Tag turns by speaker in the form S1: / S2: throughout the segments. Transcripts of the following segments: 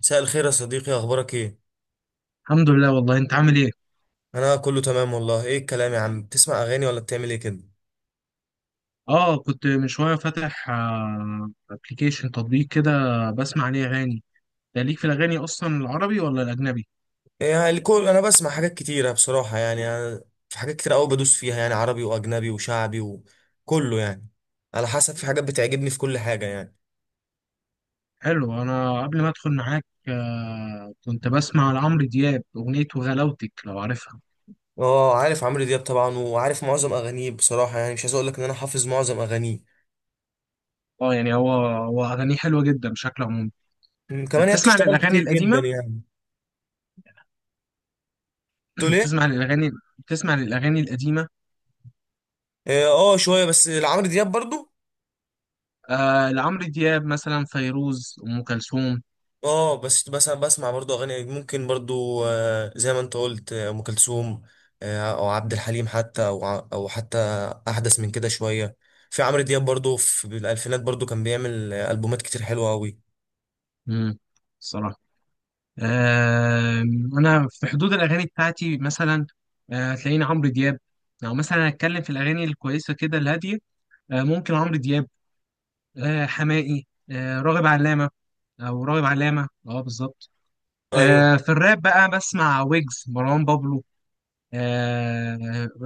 S1: مساء الخير يا صديقي، اخبارك ايه؟
S2: الحمد لله، والله انت عامل ايه؟
S1: انا كله تمام والله. ايه الكلام يا عم، بتسمع اغاني ولا بتعمل ايه كده؟
S2: اه، كنت من شويه فاتح ابلكيشن تطبيق كده بسمع عليه اغاني. ده ليك في الاغاني اصلا العربي ولا الاجنبي؟
S1: إيه، يعني الكل. انا بسمع حاجات كتيره بصراحه، يعني أنا في حاجات كتير قوي بدوس فيها، يعني عربي واجنبي وشعبي وكله يعني، على حسب في حاجات بتعجبني في كل حاجه يعني.
S2: حلو، انا قبل ما ادخل معاك كنت بسمع لعمرو دياب اغنيه وغلاوتك، لو عارفها.
S1: اه عارف عمرو دياب طبعا، وعارف معظم اغانيه بصراحه، يعني مش عايز اقول لك ان انا حافظ معظم اغانيه.
S2: اه يعني هو اغانيه حلوه جدا بشكل عمومي.
S1: كمان هي
S2: بتسمع
S1: بتشتغل
S2: للاغاني
S1: كتير جدا
S2: القديمه؟
S1: يعني. تقول ايه؟
S2: بتسمع للاغاني بتسمع للاغاني القديمه؟
S1: اه شويه بس لعمرو دياب برضو.
S2: آه، لعمرو دياب مثلا، فيروز، ام كلثوم.
S1: اه بس أنا بسمع برضو اغاني ممكن برضو، زي ما انت قلت، ام كلثوم، او عبد الحليم، حتى او او حتى احدث من كده شويه. في عمرو دياب برضو في الالفينات برضو كان بيعمل البومات كتير حلوه قوي.
S2: امم آه، انا في حدود الاغاني بتاعتي، مثلا هتلاقيني عمرو دياب. لو مثلا هتكلم في الاغاني الكويسه كده الهاديه، ممكن عمرو دياب، حماقي، راغب علامه. او راغب علامه، اه بالظبط.
S1: ايوه.
S2: في الراب بقى بسمع ويجز، مروان بابلو، آه،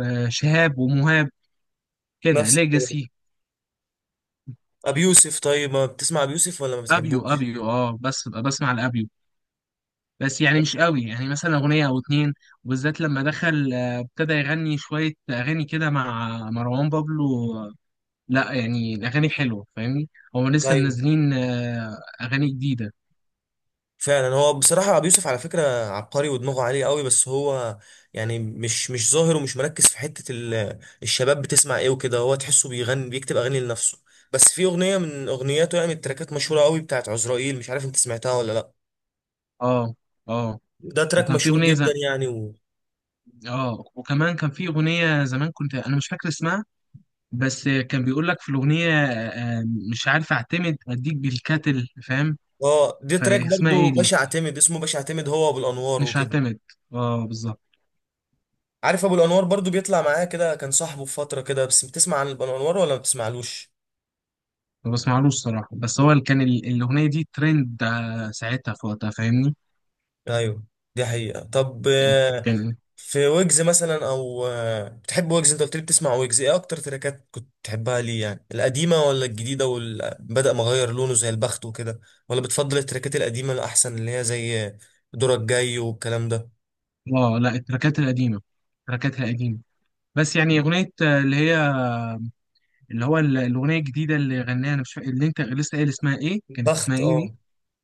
S2: شهاب ومهاب، كده
S1: نفس
S2: ليجاسي.
S1: ابي يوسف؟ طيب ما بتسمع ابي يوسف ولا ما
S2: ابيو
S1: بتحبوش؟
S2: ابيو اه، بس بسمع الابيو، بس يعني مش قوي، يعني مثلا أغنية أو اتنين. وبالذات لما دخل ابتدى يغني شوية أغاني كده مع مروان بابلو. لا يعني الأغاني حلوة، فاهمني. هو لسه
S1: ايوه.
S2: منزلين أغاني جديدة.
S1: فعلا هو بصراحة أبو يوسف على فكرة عبقري ودماغه عالية قوي، بس هو يعني مش ظاهر ومش مركز في حتة الشباب بتسمع إيه وكده، هو تحسه بيغني بيكتب أغاني لنفسه. بس في أغنية من أغنياته، يعني من التراكات مشهورة قوي، بتاعت عزرائيل، مش عارف أنت سمعتها ولا لأ.
S2: اه اه،
S1: ده تراك
S2: وكان في
S1: مشهور
S2: أغنية
S1: جدا يعني
S2: اه وكمان كان في أغنية زمان، كنت أنا مش فاكر اسمها. بس كان بيقول لك في الأغنية مش عارف أعتمد أديك بالكاتل، فاهم.
S1: اه ده تراك
S2: فاسمها
S1: برضو
S2: إيه دي؟
S1: باشا اعتمد، اسمه باشا اعتمد، هو أبو الأنوار
S2: مش
S1: وكده.
S2: هعتمد، اه بالظبط.
S1: عارف أبو الأنوار برضو، بيطلع معاه كده، كان صاحبه في فترة كده. بس بتسمع عن أبو الأنوار ولا ما بتسمعلوش؟
S2: ما بسمعلوش الصراحة، بس هو اللي كان الأغنية دي ترند ساعتها في وقتها، فاهمني.
S1: أيوه دي حقيقة. طب
S2: كان
S1: في ويجز مثلا او، بتحب ويجز؟ انت قلت لي بتسمع ويجز. ايه اكتر تراكات كنت تحبها ليه؟ يعني القديمه ولا الجديده بدأ مغير لونه زي البخت وكده، ولا بتفضل التراكات القديمه الاحسن، اللي هي زي دورك جاي والكلام ده؟
S2: اه لا، التراكات القديمة، التراكات القديمة. بس يعني أغنية اللي هو الأغنية الجديدة اللي غناها، أنا مش فاكر اللي أنت لسه قايل اسمها إيه، كانت اسمها
S1: البخت،
S2: إيه دي؟
S1: اه.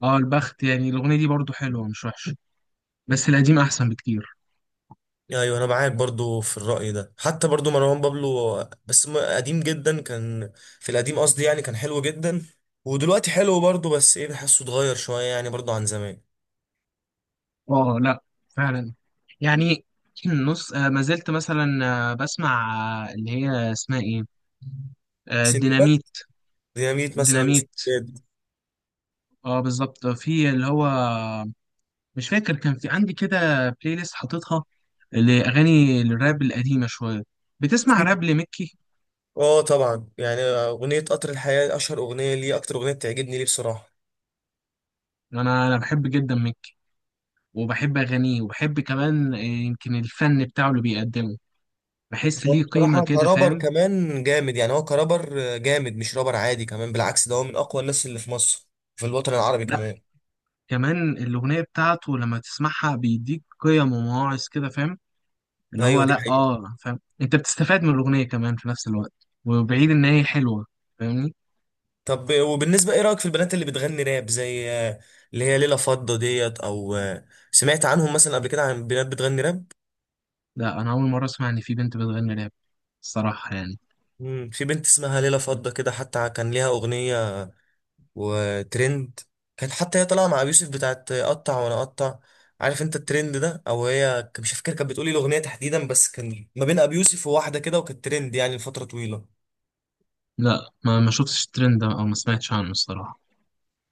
S2: اه البخت، يعني الأغنية دي برضو حلوة، مش وحشة، بس القديم أحسن بكتير.
S1: ايوه انا معاك برضو في الرأي ده. حتى برضو مروان بابلو، بس قديم جدا، كان في القديم قصدي، يعني كان حلو جدا. ودلوقتي حلو برضو، بس ايه، بحسه اتغير شويه يعني برضو عن زمان.
S2: اه لا فعلا يعني. نص ما زلت مثلا بسمع اللي هي اسمها إيه،
S1: سندباد.
S2: ديناميت.
S1: ديناميت مثلا
S2: ديناميت،
S1: وسندباد.
S2: اه بالظبط، في اللي هو مش فاكر، كان في عندي كده بلاي ليست حاططها لأغاني الراب القديمة شوية. بتسمع راب لمكي؟
S1: اه طبعا، يعني اغنيه قطر الحياه اشهر اغنيه ليه، اكتر اغنيه بتعجبني ليه بصراحه.
S2: أنا بحب جدا مكي، وبحب أغانيه، وبحب كمان يمكن الفن بتاعه اللي بيقدمه. بحس
S1: هو
S2: ليه قيمة
S1: بصراحه
S2: كده،
S1: كرابر
S2: فاهم.
S1: كمان جامد، يعني هو كرابر جامد مش رابر عادي كمان، بالعكس ده هو من اقوى الناس اللي في مصر، في الوطن العربي
S2: لا،
S1: كمان.
S2: كمان الأغنية بتاعته لما تسمعها بيديك قيم ومواعظ كده، فاهم. اللي هو
S1: ايوه دي
S2: لا
S1: حقيقه.
S2: آه فاهم، أنت بتستفاد من الأغنية كمان في نفس الوقت، وبعيد إن هي حلوة، فاهمني.
S1: طب وبالنسبه ايه رايك في البنات اللي بتغني راب؟ زي اللي هي ليلى فضه ديت او، سمعت عنهم مثلا قبل كده، عن بنات بتغني راب؟
S2: لا، أنا أول مرة أسمع إن في بنت بتغني راب، الصراحة يعني.
S1: في بنت اسمها ليلى فضه كده، حتى كان ليها اغنيه وترند، كانت حتى هي طالعه مع ابي يوسف بتاعت اقطع وانا اقطع. عارف انت الترند ده؟ او هي مش فاكر كانت بتقولي الاغنيه تحديدا، بس كان ما بين ابي يوسف وواحده كده، وكانت ترند يعني لفتره طويله.
S2: لا، ما شفتش الترند ده او ما سمعتش عنه الصراحه.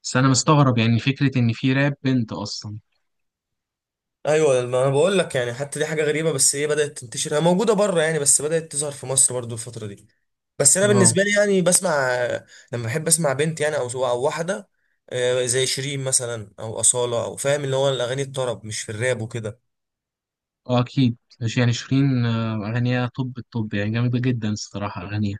S2: بس انا مستغرب، يعني فكره ان في راب بنت اصلا.
S1: ايوه ما انا بقول لك، يعني حتى دي حاجه غريبه، بس هي بدات تنتشر، هي موجوده بره يعني، بس بدات تظهر في مصر برضو الفتره دي. بس انا
S2: اه
S1: بالنسبه لي يعني بسمع، لما بحب اسمع بنت يعني، او او واحده، زي شيرين مثلا او اصاله، او فاهم اللي هو الاغاني الطرب، مش في الراب وكده.
S2: اه اكيد. مش يعني شيرين، اغانيها، الطب يعني جامده جدا الصراحه اغانيها.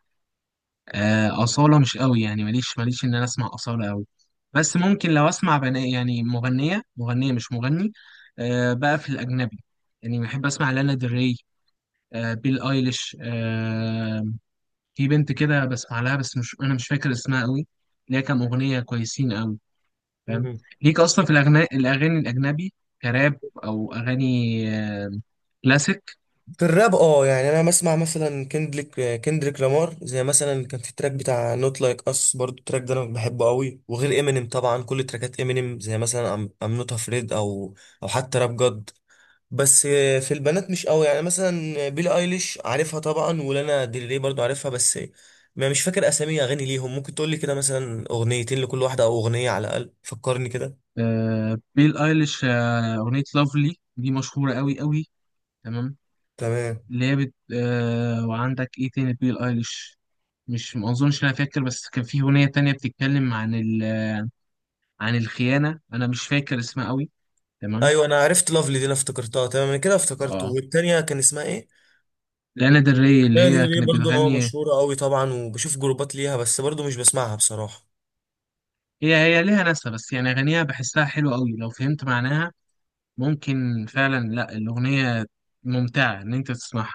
S2: اصاله مش قوي، يعني ماليش ان انا اسمع اصاله قوي. بس ممكن لو اسمع بناء، يعني مغنيه مغنيه، مش مغني. بقى في الاجنبي، يعني بحب اسمع لانا دري، بيل ايليش. في بنت كده بسمع لها، بس مش انا مش فاكر اسمها قوي. ليها كام اغنيه كويسين، فاهم. ليك اصلا في الاغاني الاجنبي، كراب او اغاني آه، كلاسيك.
S1: في الراب اه، يعني انا بسمع مثلا كندريك لامار، زي مثلا كان في التراك بتاع نوت لايك اس، برضو التراك ده انا بحبه قوي. وغير امينيم طبعا، كل تراكات امينيم زي مثلا ام نوت افريد، او او حتى راب جاد. بس في البنات مش قوي، يعني مثلا بيلي ايليش عارفها طبعا، ولانا ديل ري برضو عارفها، بس ما مش فاكر اسامي اغاني ليهم. ممكن تقول لي كده مثلا اغنيتين لكل واحده، او اغنيه على الاقل، فكرني كده.
S2: بيل ايليش، اغنيه لافلي دي مشهوره قوي قوي. تمام.
S1: تمام.
S2: اللي هي بت... آه، وعندك ايه تاني بيل ايليش؟ مش ما اظنش إن انا فاكر، بس كان في اغنيه تانية بتتكلم عن عن الخيانه، انا مش فاكر اسمها قوي. تمام.
S1: ايوه انا عرفت لافلي دي، انا افتكرتها، تمام انا كده افتكرت.
S2: اه
S1: والتانيه كان اسمها ايه؟
S2: لانا ديل ري، اللي
S1: لا دي
S2: هي
S1: اللي
S2: كانت
S1: برضو اه
S2: بتغني،
S1: مشهورة قوي طبعا، وبشوف جروبات ليها، بس برضو مش بسمعها بصراحة.
S2: هي هي ليها ناسها، بس يعني اغانيها بحسها حلوه قوي لو فهمت معناها. ممكن فعلا، لا الأغنية ممتعة إن أنت تسمعها.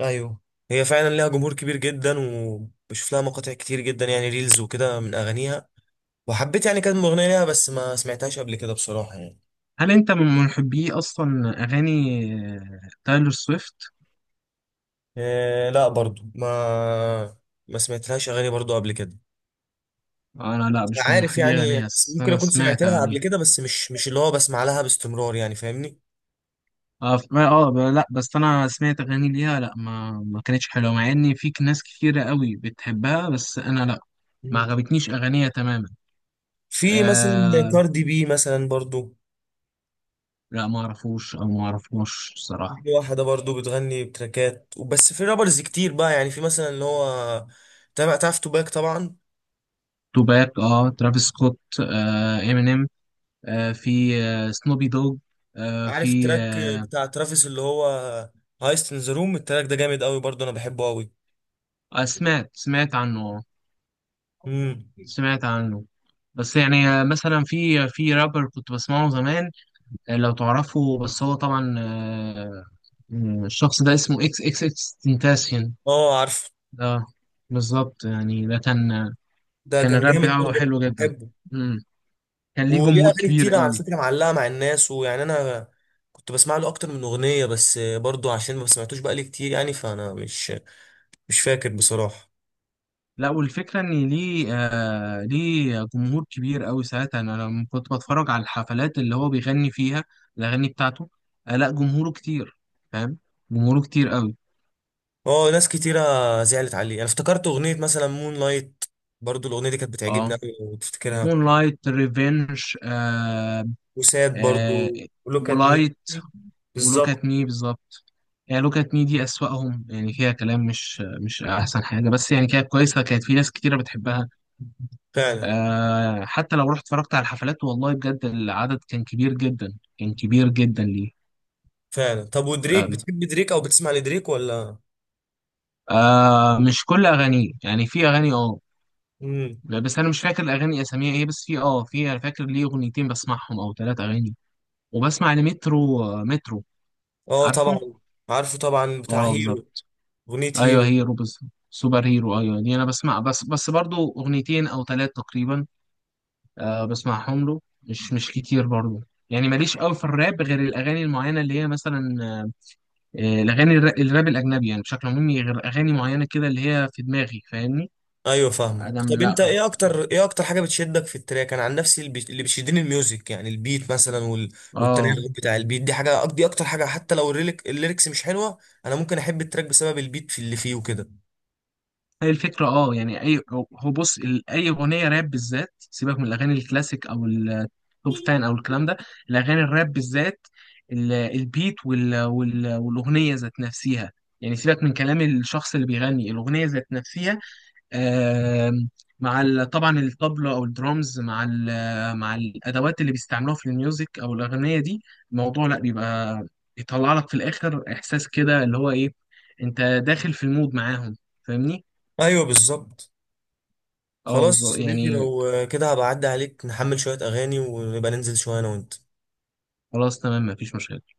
S1: ايوه. هي فعلا ليها جمهور كبير جدا، وبشوف لها مقاطع كتير جدا يعني، ريلز وكده من اغانيها. وحبيت يعني كانت اغنية ليها، بس ما سمعتهاش قبل كده بصراحة يعني.
S2: هل أنت من محبي أصلا أغاني تايلور سويفت؟
S1: إيه لا برضو ما، ما سمعتلهاش اغاني برضو قبل كده.
S2: أنا لا، مش من
S1: عارف
S2: محبي
S1: يعني،
S2: أغانيها، بس
S1: ممكن
S2: أنا
S1: اكون سمعت
S2: سمعت
S1: لها قبل
S2: أغانيها.
S1: كده، بس مش اللي هو بسمع لها باستمرار يعني، فاهمني.
S2: اه لا بس انا سمعت اغاني ليها، لا ما كانتش حلوه، مع ان في ناس كتيره قوي بتحبها، بس انا لا، ما
S1: مم.
S2: عجبتنيش اغانيها تماما.
S1: في مثلا
S2: آه
S1: كاردي بي مثلا برضو.
S2: لا ما اعرفوش او ما اعرفوش الصراحه.
S1: في واحدة برضو بتغني بتراكات وبس، في رابرز كتير بقى يعني، في مثلا اللي هو تابع، تعرف توباك طبعا.
S2: توباك، اه، ترافيس سكوت، امينيم، في سنوبي دوج، آه،
S1: عارف
S2: في
S1: التراك
S2: آه،
S1: بتاع ترافيس اللي هو هايست ان ذا روم، التراك ده جامد قوي برضو، انا بحبه قوي.
S2: آه، سمعت عنه،
S1: امم.
S2: سمعت عنه. بس يعني مثلا في رابر كنت بسمعه زمان، لو تعرفه، بس هو طبعا الشخص ده اسمه اكس اكس اكس تنتاسيون.
S1: اه عارف.
S2: اه بالظبط، يعني ده كان
S1: ده
S2: كان
S1: كان
S2: الراب
S1: جامد
S2: بتاعه
S1: برضو، أنا
S2: حلو جدا.
S1: بحبه.
S2: مم. كان ليه
S1: وليه
S2: جمهور
S1: اغاني
S2: كبير
S1: كتير على
S2: قوي.
S1: فكرة معلقة مع الناس، ويعني انا كنت بسمع له اكتر من اغنية، بس برضو عشان ما سمعتوش بقالي كتير يعني، فانا مش فاكر بصراحة.
S2: لا، والفكرة إن ليه جمهور كبير أوي، ساعتها أنا لما كنت بتفرج على الحفلات اللي هو بيغني فيها الأغاني بتاعته، لا جمهوره كتير، فاهم، جمهوره كتير أوي.
S1: اه ناس كتيرة زعلت عليه. انا افتكرت اغنية مثلا مون لايت، برضو الاغنية دي كانت بتعجبني
S2: أه
S1: قوي لو تفتكرها.
S2: مون لايت ريفينج،
S1: وساد برضو،
S2: آه
S1: ولوك ات مي،
S2: ولايت، ولوك
S1: بالظبط.
S2: أت مي، بالظبط. يعني لوك أت مي دي أسوأهم، يعني فيها كلام مش أحسن حاجة، بس يعني كانت كويسة، كانت في ناس كتيرة بتحبها.
S1: فعلا.
S2: حتى لو رحت اتفرجت على الحفلات، والله بجد العدد كان كبير جدا، كان كبير جدا ليه.
S1: فعلا. طب ودريك،
S2: أم.
S1: بتحب دريك او بتسمع لدريك ولا؟
S2: آه مش كل اغانيه، يعني في اغاني
S1: امم.
S2: بس انا مش فاكر الاغاني اساميها ايه، بس في انا فاكر ليه اغنيتين بسمعهم او ثلاث اغاني. وبسمع لمترو، مترو،
S1: اه طبعا،
S2: عارفه،
S1: عارفه طبعا، بتاع
S2: اه
S1: هيرو.
S2: بالظبط.
S1: اغنية
S2: ايوه
S1: هيرو.
S2: هيرو، بس سوبر هيرو، ايوه دي انا بسمع، بس برضو اغنيتين او ثلاث تقريبا، بسمعهم له، مش كتير برضو. يعني ماليش قوي في الراب غير الاغاني المعينه اللي هي مثلا الاغاني الراب الاجنبي، يعني بشكل عمومي غير اغاني معينه كده اللي هي في دماغي، فاهمني.
S1: ايوه فاهمك.
S2: ادم،
S1: طب انت
S2: لا
S1: ايه اكتر، ايه اكتر حاجه بتشدك في التراك؟ انا عن نفسي اللي بيشدني الميوزك، يعني البيت مثلا
S2: اه،
S1: والتناغم بتاع البيت، دي حاجه، دي اكتر حاجه، حتى لو الليركس مش حلوه، انا ممكن احب التراك بسبب البيت في اللي فيه وكده.
S2: هي الفكرة، اه يعني اي، هو بص، اي اغنية راب بالذات، سيبك من الاغاني الكلاسيك او التوب فان او الكلام ده. الاغاني الراب بالذات، البيت والاغنية ذات نفسها، يعني سيبك من كلام الشخص اللي بيغني، الاغنية ذات نفسها. آم، مع طبعا الطبلة او الدرامز مع الادوات اللي بيستعملوها في الميوزك او الاغنية دي. الموضوع لا بيبقى يطلع لك في الاخر احساس كده، اللي هو ايه، انت داخل في المود معاهم، فاهمني.
S1: ايوه بالظبط.
S2: اه
S1: خلاص يا
S2: بالظبط
S1: صديقي،
S2: يعني،
S1: لو كده هبقى اعدي عليك، نحمل شويه اغاني ونبقى ننزل شويه انا وانت.
S2: خلاص تمام، مفيش مشكلة.